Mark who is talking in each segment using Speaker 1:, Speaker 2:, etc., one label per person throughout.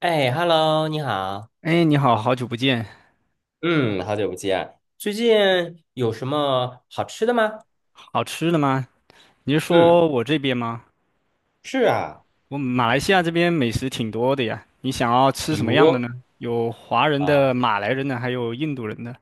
Speaker 1: 哎，Hello，你好，
Speaker 2: 哎，你好，好久不见，
Speaker 1: 嗯，好久不见。最近有什么好吃的吗？
Speaker 2: 好吃的吗？你是
Speaker 1: 嗯，
Speaker 2: 说我这边吗？
Speaker 1: 是啊，
Speaker 2: 我马来西亚这边美食挺多的呀，你想要吃什么样的呢？有华人的、马来人的，还有印度人的。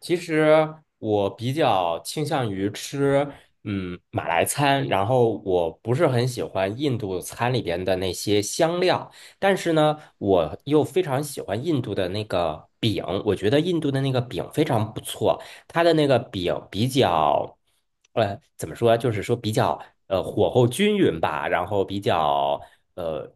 Speaker 1: 其实我比较倾向于吃，马来餐，然后我不是很喜欢印度餐里边的那些香料，但是呢，我又非常喜欢印度的那个饼，我觉得印度的那个饼非常不错，它的那个饼比较，怎么说啊，就是说比较火候均匀吧，然后比较呃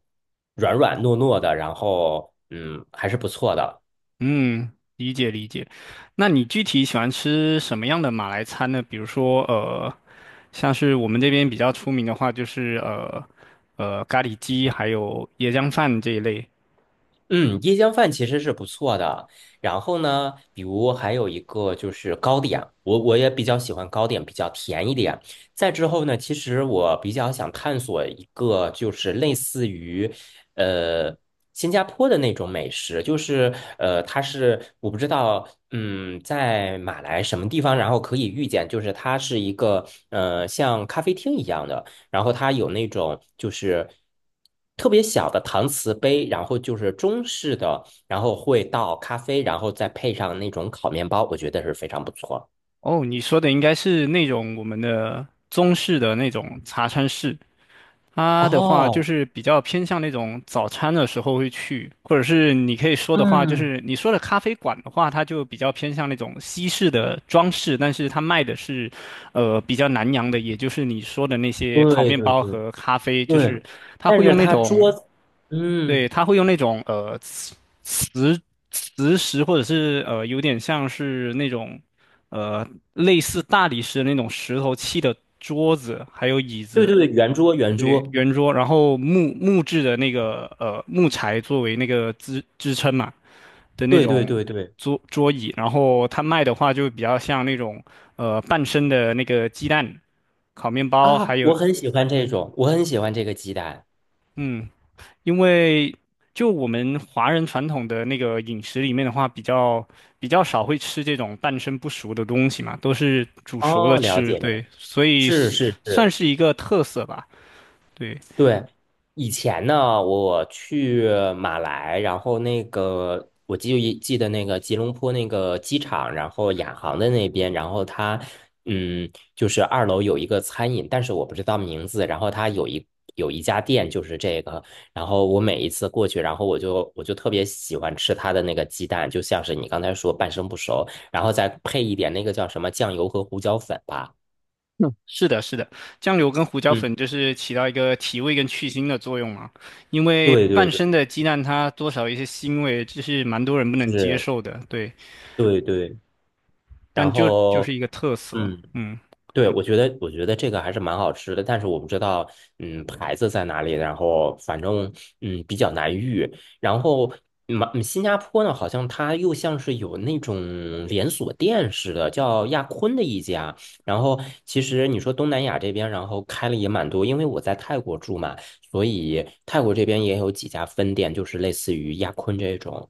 Speaker 1: 软软糯糯的，然后还是不错的。
Speaker 2: 嗯，理解理解。那你具体喜欢吃什么样的马来餐呢？比如说，像是我们这边比较出名的话，就是咖喱鸡，还有椰浆饭这一类。
Speaker 1: 嗯，椰浆饭其实是不错的。然后呢，比如还有一个就是糕点，我也比较喜欢糕点，比较甜一点。再之后呢，其实我比较想探索一个就是类似于，呃，新加坡的那种美食，就是它是我不知道，在马来什么地方，然后可以遇见，就是它是一个像咖啡厅一样的。然后它有那种就是特别小的搪瓷杯，然后就是中式的，然后会倒咖啡，然后再配上那种烤面包，我觉得是非常不错。
Speaker 2: 哦，你说的应该是那种我们的中式的那种茶餐式。它的话就
Speaker 1: 哦，
Speaker 2: 是比较偏向那种早餐的时候会去，或者是你可以说的话，就
Speaker 1: 嗯，
Speaker 2: 是你说的咖啡馆的话，它就比较偏向那种西式的装饰，但是它卖的是，比较南洋的，也就是你说的那些烤
Speaker 1: 对
Speaker 2: 面
Speaker 1: 对
Speaker 2: 包
Speaker 1: 对
Speaker 2: 和咖啡，就是
Speaker 1: 对，
Speaker 2: 它
Speaker 1: 但
Speaker 2: 会用
Speaker 1: 是
Speaker 2: 那
Speaker 1: 它桌
Speaker 2: 种，
Speaker 1: 子，
Speaker 2: 对，
Speaker 1: 嗯，
Speaker 2: 它会用那种磁磁石，或者是有点像是那种呃类似大理石的那种石头砌的桌子还有椅
Speaker 1: 对
Speaker 2: 子。
Speaker 1: 对对，圆桌圆
Speaker 2: 对，
Speaker 1: 桌，
Speaker 2: 圆桌，然后木质的那个木材作为那个支撑嘛的那
Speaker 1: 对对
Speaker 2: 种
Speaker 1: 对对，
Speaker 2: 桌椅，然后它卖的话就比较像那种半生的那个鸡蛋、烤面包，还
Speaker 1: 啊，我
Speaker 2: 有
Speaker 1: 很喜欢这种，我很喜欢这个鸡蛋。
Speaker 2: 嗯，因为就我们华人传统的那个饮食里面的话，比较少会吃这种半生不熟的东西嘛，都是煮熟了
Speaker 1: 哦，了
Speaker 2: 吃，
Speaker 1: 解了解，
Speaker 2: 对，所以
Speaker 1: 是是
Speaker 2: 算
Speaker 1: 是，
Speaker 2: 是一个特色吧，对。
Speaker 1: 对，以前呢，我去马来，然后那个我记得那个吉隆坡那个机场，然后亚航的那边，然后它嗯，就是二楼有一个餐饮，但是我不知道名字，然后它有一家店就是这个，然后我每一次过去，然后我就特别喜欢吃它的那个鸡蛋，就像是你刚才说半生不熟，然后再配一点那个叫什么酱油和胡椒粉吧。
Speaker 2: 是的，是的，酱油跟胡椒
Speaker 1: 嗯，
Speaker 2: 粉就是起到一个提味跟去腥的作用嘛。因为
Speaker 1: 对对
Speaker 2: 半
Speaker 1: 对，
Speaker 2: 生的鸡蛋它多少有一些腥味，这是蛮多人不能接
Speaker 1: 是，
Speaker 2: 受的，对。
Speaker 1: 对对。
Speaker 2: 但
Speaker 1: 然
Speaker 2: 就就是
Speaker 1: 后
Speaker 2: 一个特色，
Speaker 1: 嗯，
Speaker 2: 嗯。
Speaker 1: 对，我觉得这个还是蛮好吃的，但是我不知道，嗯，牌子在哪里，然后反正比较难遇。然后新加坡呢，好像它又像是有那种连锁店似的，叫亚坤的一家。然后其实你说东南亚这边，然后开了也蛮多，因为我在泰国住嘛，所以泰国这边也有几家分店，就是类似于亚坤这种。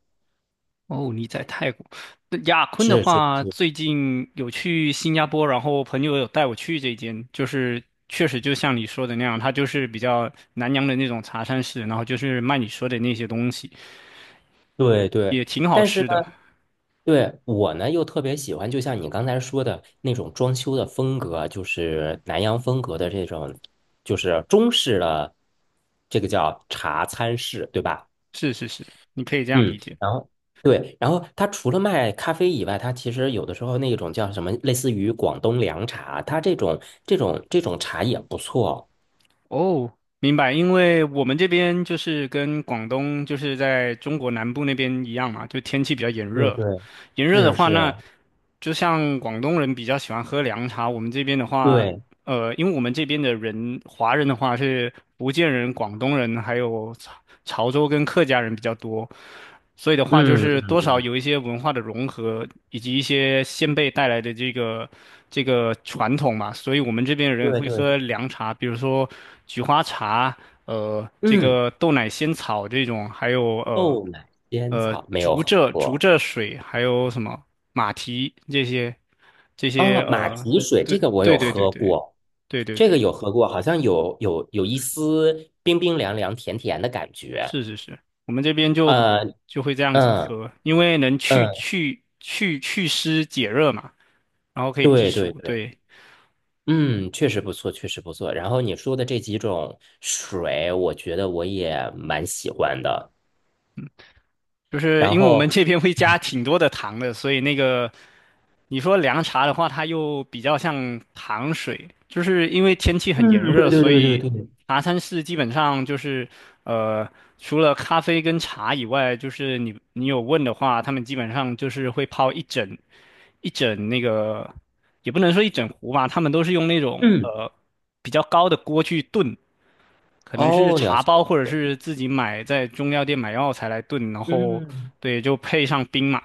Speaker 2: 哦，你在泰国，那雅坤的
Speaker 1: 是是
Speaker 2: 话，
Speaker 1: 是，
Speaker 2: 最近有去新加坡，然后朋友有带我去这间，就是确实就像你说的那样，它就是比较南洋的那种茶餐室，然后就是卖你说的那些东西，
Speaker 1: 对对，
Speaker 2: 也挺好
Speaker 1: 但是呢，
Speaker 2: 吃的。
Speaker 1: 对我呢又特别喜欢，就像你刚才说的那种装修的风格，就是南洋风格的这种，就是中式的，这个叫茶餐室，对吧？
Speaker 2: 是是是，你可以这样
Speaker 1: 嗯，
Speaker 2: 理解。
Speaker 1: 然后对，然后它除了卖咖啡以外，它其实有的时候那种叫什么，类似于广东凉茶，它这种茶也不错。
Speaker 2: 哦，明白，因为我们这边就是跟广东就是在中国南部那边一样嘛，就天气比较炎
Speaker 1: 对
Speaker 2: 热。
Speaker 1: 对，
Speaker 2: 炎热的
Speaker 1: 是
Speaker 2: 话，那
Speaker 1: 是，
Speaker 2: 就像广东人比较喜欢喝凉茶，我们这边的话，
Speaker 1: 对，
Speaker 2: 因为我们这边的人，华人的话是福建人、广东人，还有潮州跟客家人比较多，所以的话，就
Speaker 1: 嗯
Speaker 2: 是
Speaker 1: 嗯
Speaker 2: 多少
Speaker 1: 嗯，
Speaker 2: 有一些文化的融合，以及一些先辈带来的这个传统嘛。所以我们这边的人
Speaker 1: 对
Speaker 2: 会
Speaker 1: 对，
Speaker 2: 喝凉茶，比如说菊花茶，这
Speaker 1: 嗯。
Speaker 2: 个豆奶仙草这种，还有
Speaker 1: 豆奶仙草没有
Speaker 2: 竹
Speaker 1: 喝
Speaker 2: 蔗竹
Speaker 1: 过。
Speaker 2: 蔗水，还有什么马蹄这些这些
Speaker 1: 哦，马
Speaker 2: 呃，
Speaker 1: 蹄水
Speaker 2: 对
Speaker 1: 这个我
Speaker 2: 对
Speaker 1: 有
Speaker 2: 对对
Speaker 1: 喝
Speaker 2: 对
Speaker 1: 过，
Speaker 2: 对对
Speaker 1: 这个
Speaker 2: 对，
Speaker 1: 有喝过，好像有一丝冰冰凉凉、甜甜的感觉。
Speaker 2: 是是是，我们这边就
Speaker 1: 呃，
Speaker 2: 就会这样子
Speaker 1: 嗯
Speaker 2: 喝，因为能去
Speaker 1: 嗯，
Speaker 2: 去去祛湿解热嘛。然后可以避
Speaker 1: 对对
Speaker 2: 暑，
Speaker 1: 对，
Speaker 2: 对，
Speaker 1: 嗯，确实不错，确实不错。然后你说的这几种水，我觉得我也蛮喜欢的。
Speaker 2: 就是
Speaker 1: 然
Speaker 2: 因为我们
Speaker 1: 后，
Speaker 2: 这边会加挺多的糖的，所以那个你说凉茶的话，它又比较像糖水，就是因为天气很
Speaker 1: 嗯，
Speaker 2: 炎热，
Speaker 1: 对对
Speaker 2: 所
Speaker 1: 对
Speaker 2: 以
Speaker 1: 对对，
Speaker 2: 茶餐室基本上就是呃，除了咖啡跟茶以外，就是你有问的话，他们基本上就是会泡一整那个，也不能说一整壶吧，他们都是用那种
Speaker 1: 嗯，
Speaker 2: 比较高的锅去炖。可能是
Speaker 1: 哦，了
Speaker 2: 茶
Speaker 1: 解
Speaker 2: 包
Speaker 1: 了
Speaker 2: 或者
Speaker 1: 解，
Speaker 2: 是自己买在中药店买药材来炖，然后
Speaker 1: 嗯，
Speaker 2: 对，就配上冰嘛，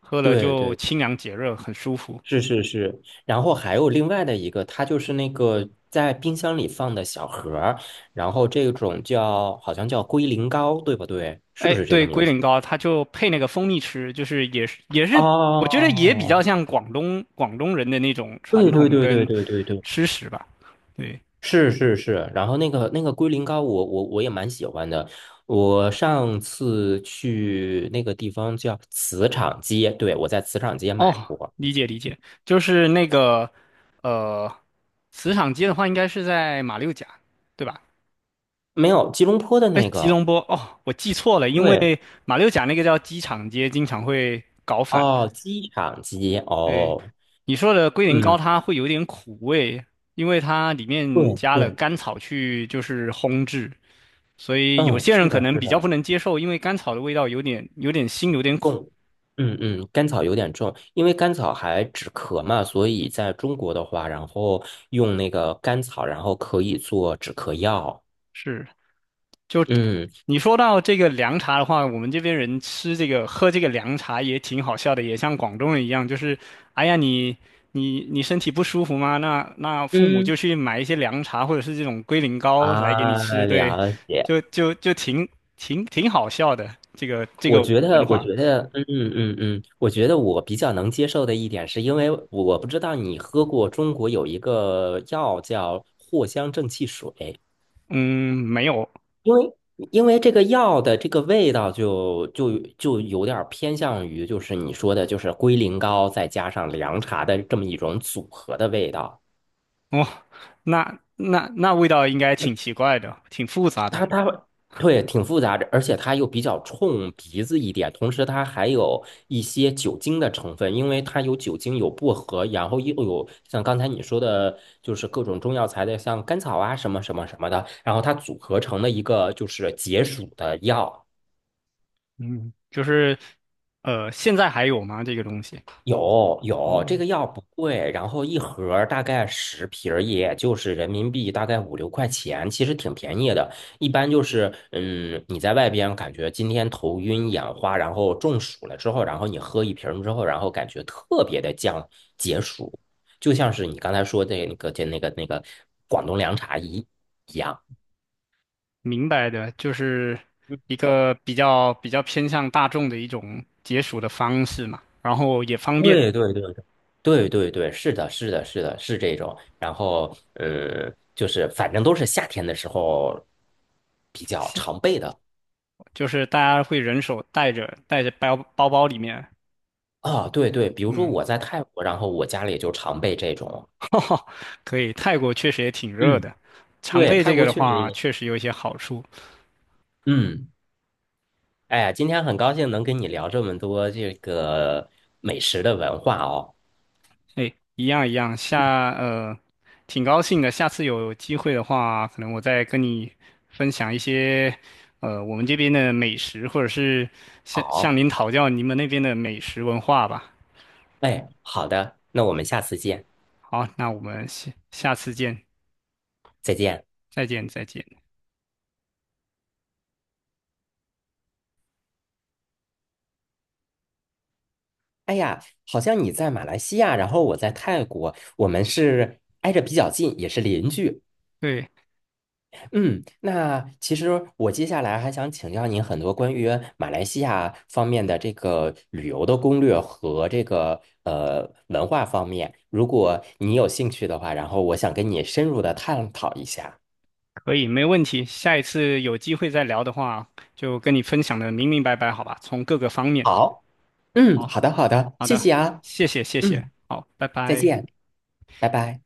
Speaker 2: 喝了
Speaker 1: 对
Speaker 2: 就
Speaker 1: 对，
Speaker 2: 清凉解热，很舒服。
Speaker 1: 是是是，然后还有另外的一个，它就是那个在冰箱里放的小盒儿，然后这种叫好像叫龟苓膏，对不对？是不
Speaker 2: 哎，
Speaker 1: 是这个
Speaker 2: 对，
Speaker 1: 名
Speaker 2: 龟
Speaker 1: 字？
Speaker 2: 苓膏它就配那个蜂蜜吃，就是也是，我觉得也比较
Speaker 1: 哦，
Speaker 2: 像广东人的那种传
Speaker 1: 对对
Speaker 2: 统
Speaker 1: 对对
Speaker 2: 跟
Speaker 1: 对对对，
Speaker 2: 吃食吧。对，
Speaker 1: 是是是。然后那个龟苓膏我也蛮喜欢的。我上次去那个地方叫磁场街，对，我在磁场街买
Speaker 2: 哦，
Speaker 1: 过，
Speaker 2: 理解理解，就是那个呃，磁场街的话应该是在马六甲，对吧？
Speaker 1: 没有吉隆坡的
Speaker 2: 哎，
Speaker 1: 那
Speaker 2: 吉
Speaker 1: 个，
Speaker 2: 隆坡哦，我记错了，因为
Speaker 1: 对，
Speaker 2: 马六甲那个叫机场街，经常会搞反。
Speaker 1: 哦，机场街，
Speaker 2: 对，
Speaker 1: 哦，
Speaker 2: 你说的龟苓膏，
Speaker 1: 嗯。
Speaker 2: 它会有点苦味，因为它里面
Speaker 1: 对
Speaker 2: 加了
Speaker 1: 对，
Speaker 2: 甘草去就是烘制，所以有
Speaker 1: 嗯，
Speaker 2: 些
Speaker 1: 是
Speaker 2: 人可
Speaker 1: 的，
Speaker 2: 能
Speaker 1: 是
Speaker 2: 比较
Speaker 1: 的，
Speaker 2: 不能接受，因为甘草的味道有点腥，有点苦。
Speaker 1: 重，嗯嗯，甘草有点重，因为甘草还止咳嘛，所以在中国的话，然后用那个甘草，然后可以做止咳药。
Speaker 2: 是。就
Speaker 1: 嗯
Speaker 2: 你说到这个凉茶的话，我们这边人吃这个喝这个凉茶也挺好笑的，也像广东人一样，就是哎呀你身体不舒服吗？那父母就
Speaker 1: 嗯，
Speaker 2: 去买一些凉茶或者是这种龟苓膏来给你
Speaker 1: 啊，
Speaker 2: 吃，对，
Speaker 1: 了解。
Speaker 2: 就挺好笑的这个这个文化。
Speaker 1: 我觉得我比较能接受的一点，是因为我不知道你喝过中国有一个药叫藿香正气水。
Speaker 2: 嗯，没有
Speaker 1: 因为因为这个药的这个味道就有点儿偏向于就是你说的，就是龟苓膏再加上凉茶的这么一种组合的味道。
Speaker 2: 哦，那味道应该挺奇怪的，挺复杂的。
Speaker 1: 它它对，挺复杂的，而且它又比较冲鼻子一点，同时它还有一些酒精的成分，因为它有酒精有薄荷，然后又有像刚才你说的，就是各种中药材的，像甘草啊什么什么什么的，然后它组合成了一个就是解暑的药。
Speaker 2: 嗯，就是现在还有吗？这个东西？
Speaker 1: 有有，这
Speaker 2: 哦。
Speaker 1: 个药不贵，然后一盒儿大概10瓶儿也就是人民币大概五六块钱，其实挺便宜的。一般就是，你在外边感觉今天头晕眼花，然后中暑了之后，然后你喝一瓶儿之后，然后感觉特别的解暑，就像是你刚才说的那个、就那个、那个广东凉茶一样。
Speaker 2: 明白的，就是一个比较偏向大众的一种解暑的方式嘛，然后也方便，
Speaker 1: 对对对对对对对，是的，是的，是的，是这种。然后就是反正都是夏天的时候比较
Speaker 2: 现
Speaker 1: 常备的
Speaker 2: 就是大家会人手带着包包里面，
Speaker 1: 啊。对对，比如说
Speaker 2: 嗯，
Speaker 1: 我在泰国，然后我家里就常备这种。
Speaker 2: 哈，可以。泰国确实也挺热的，
Speaker 1: 嗯，
Speaker 2: 常
Speaker 1: 对，
Speaker 2: 备
Speaker 1: 泰
Speaker 2: 这个
Speaker 1: 国
Speaker 2: 的
Speaker 1: 确实
Speaker 2: 话，
Speaker 1: 也，
Speaker 2: 确实有一些好处。
Speaker 1: 嗯，哎呀，今天很高兴能跟你聊这么多这个美食的文化哦。
Speaker 2: 哎，一样一样，挺高兴的。下次有机会的话，可能我再跟你分享一些我们这边的美食，或者是向
Speaker 1: 好，
Speaker 2: 您讨教你们那边的美食文化吧。
Speaker 1: 哎，好的，那我们下次见，
Speaker 2: 好，那我们下下次见，
Speaker 1: 再见。
Speaker 2: 再见，再见。
Speaker 1: 哎呀，好像你在马来西亚，然后我在泰国，我们是挨着比较近，也是邻居。
Speaker 2: 对，
Speaker 1: 嗯，那其实我接下来还想请教您很多关于马来西亚方面的这个旅游的攻略和这个文化方面，如果你有兴趣的话，然后我想跟你深入的探讨一下。
Speaker 2: 可以，没问题。下一次有机会再聊的话，就跟你分享的明明白白，好吧？从各个方面。
Speaker 1: 好，嗯，
Speaker 2: 好，
Speaker 1: 好的，好的，
Speaker 2: 好
Speaker 1: 谢
Speaker 2: 的，
Speaker 1: 谢啊，
Speaker 2: 谢谢，谢谢，
Speaker 1: 嗯，
Speaker 2: 好，拜
Speaker 1: 再
Speaker 2: 拜。
Speaker 1: 见，拜拜。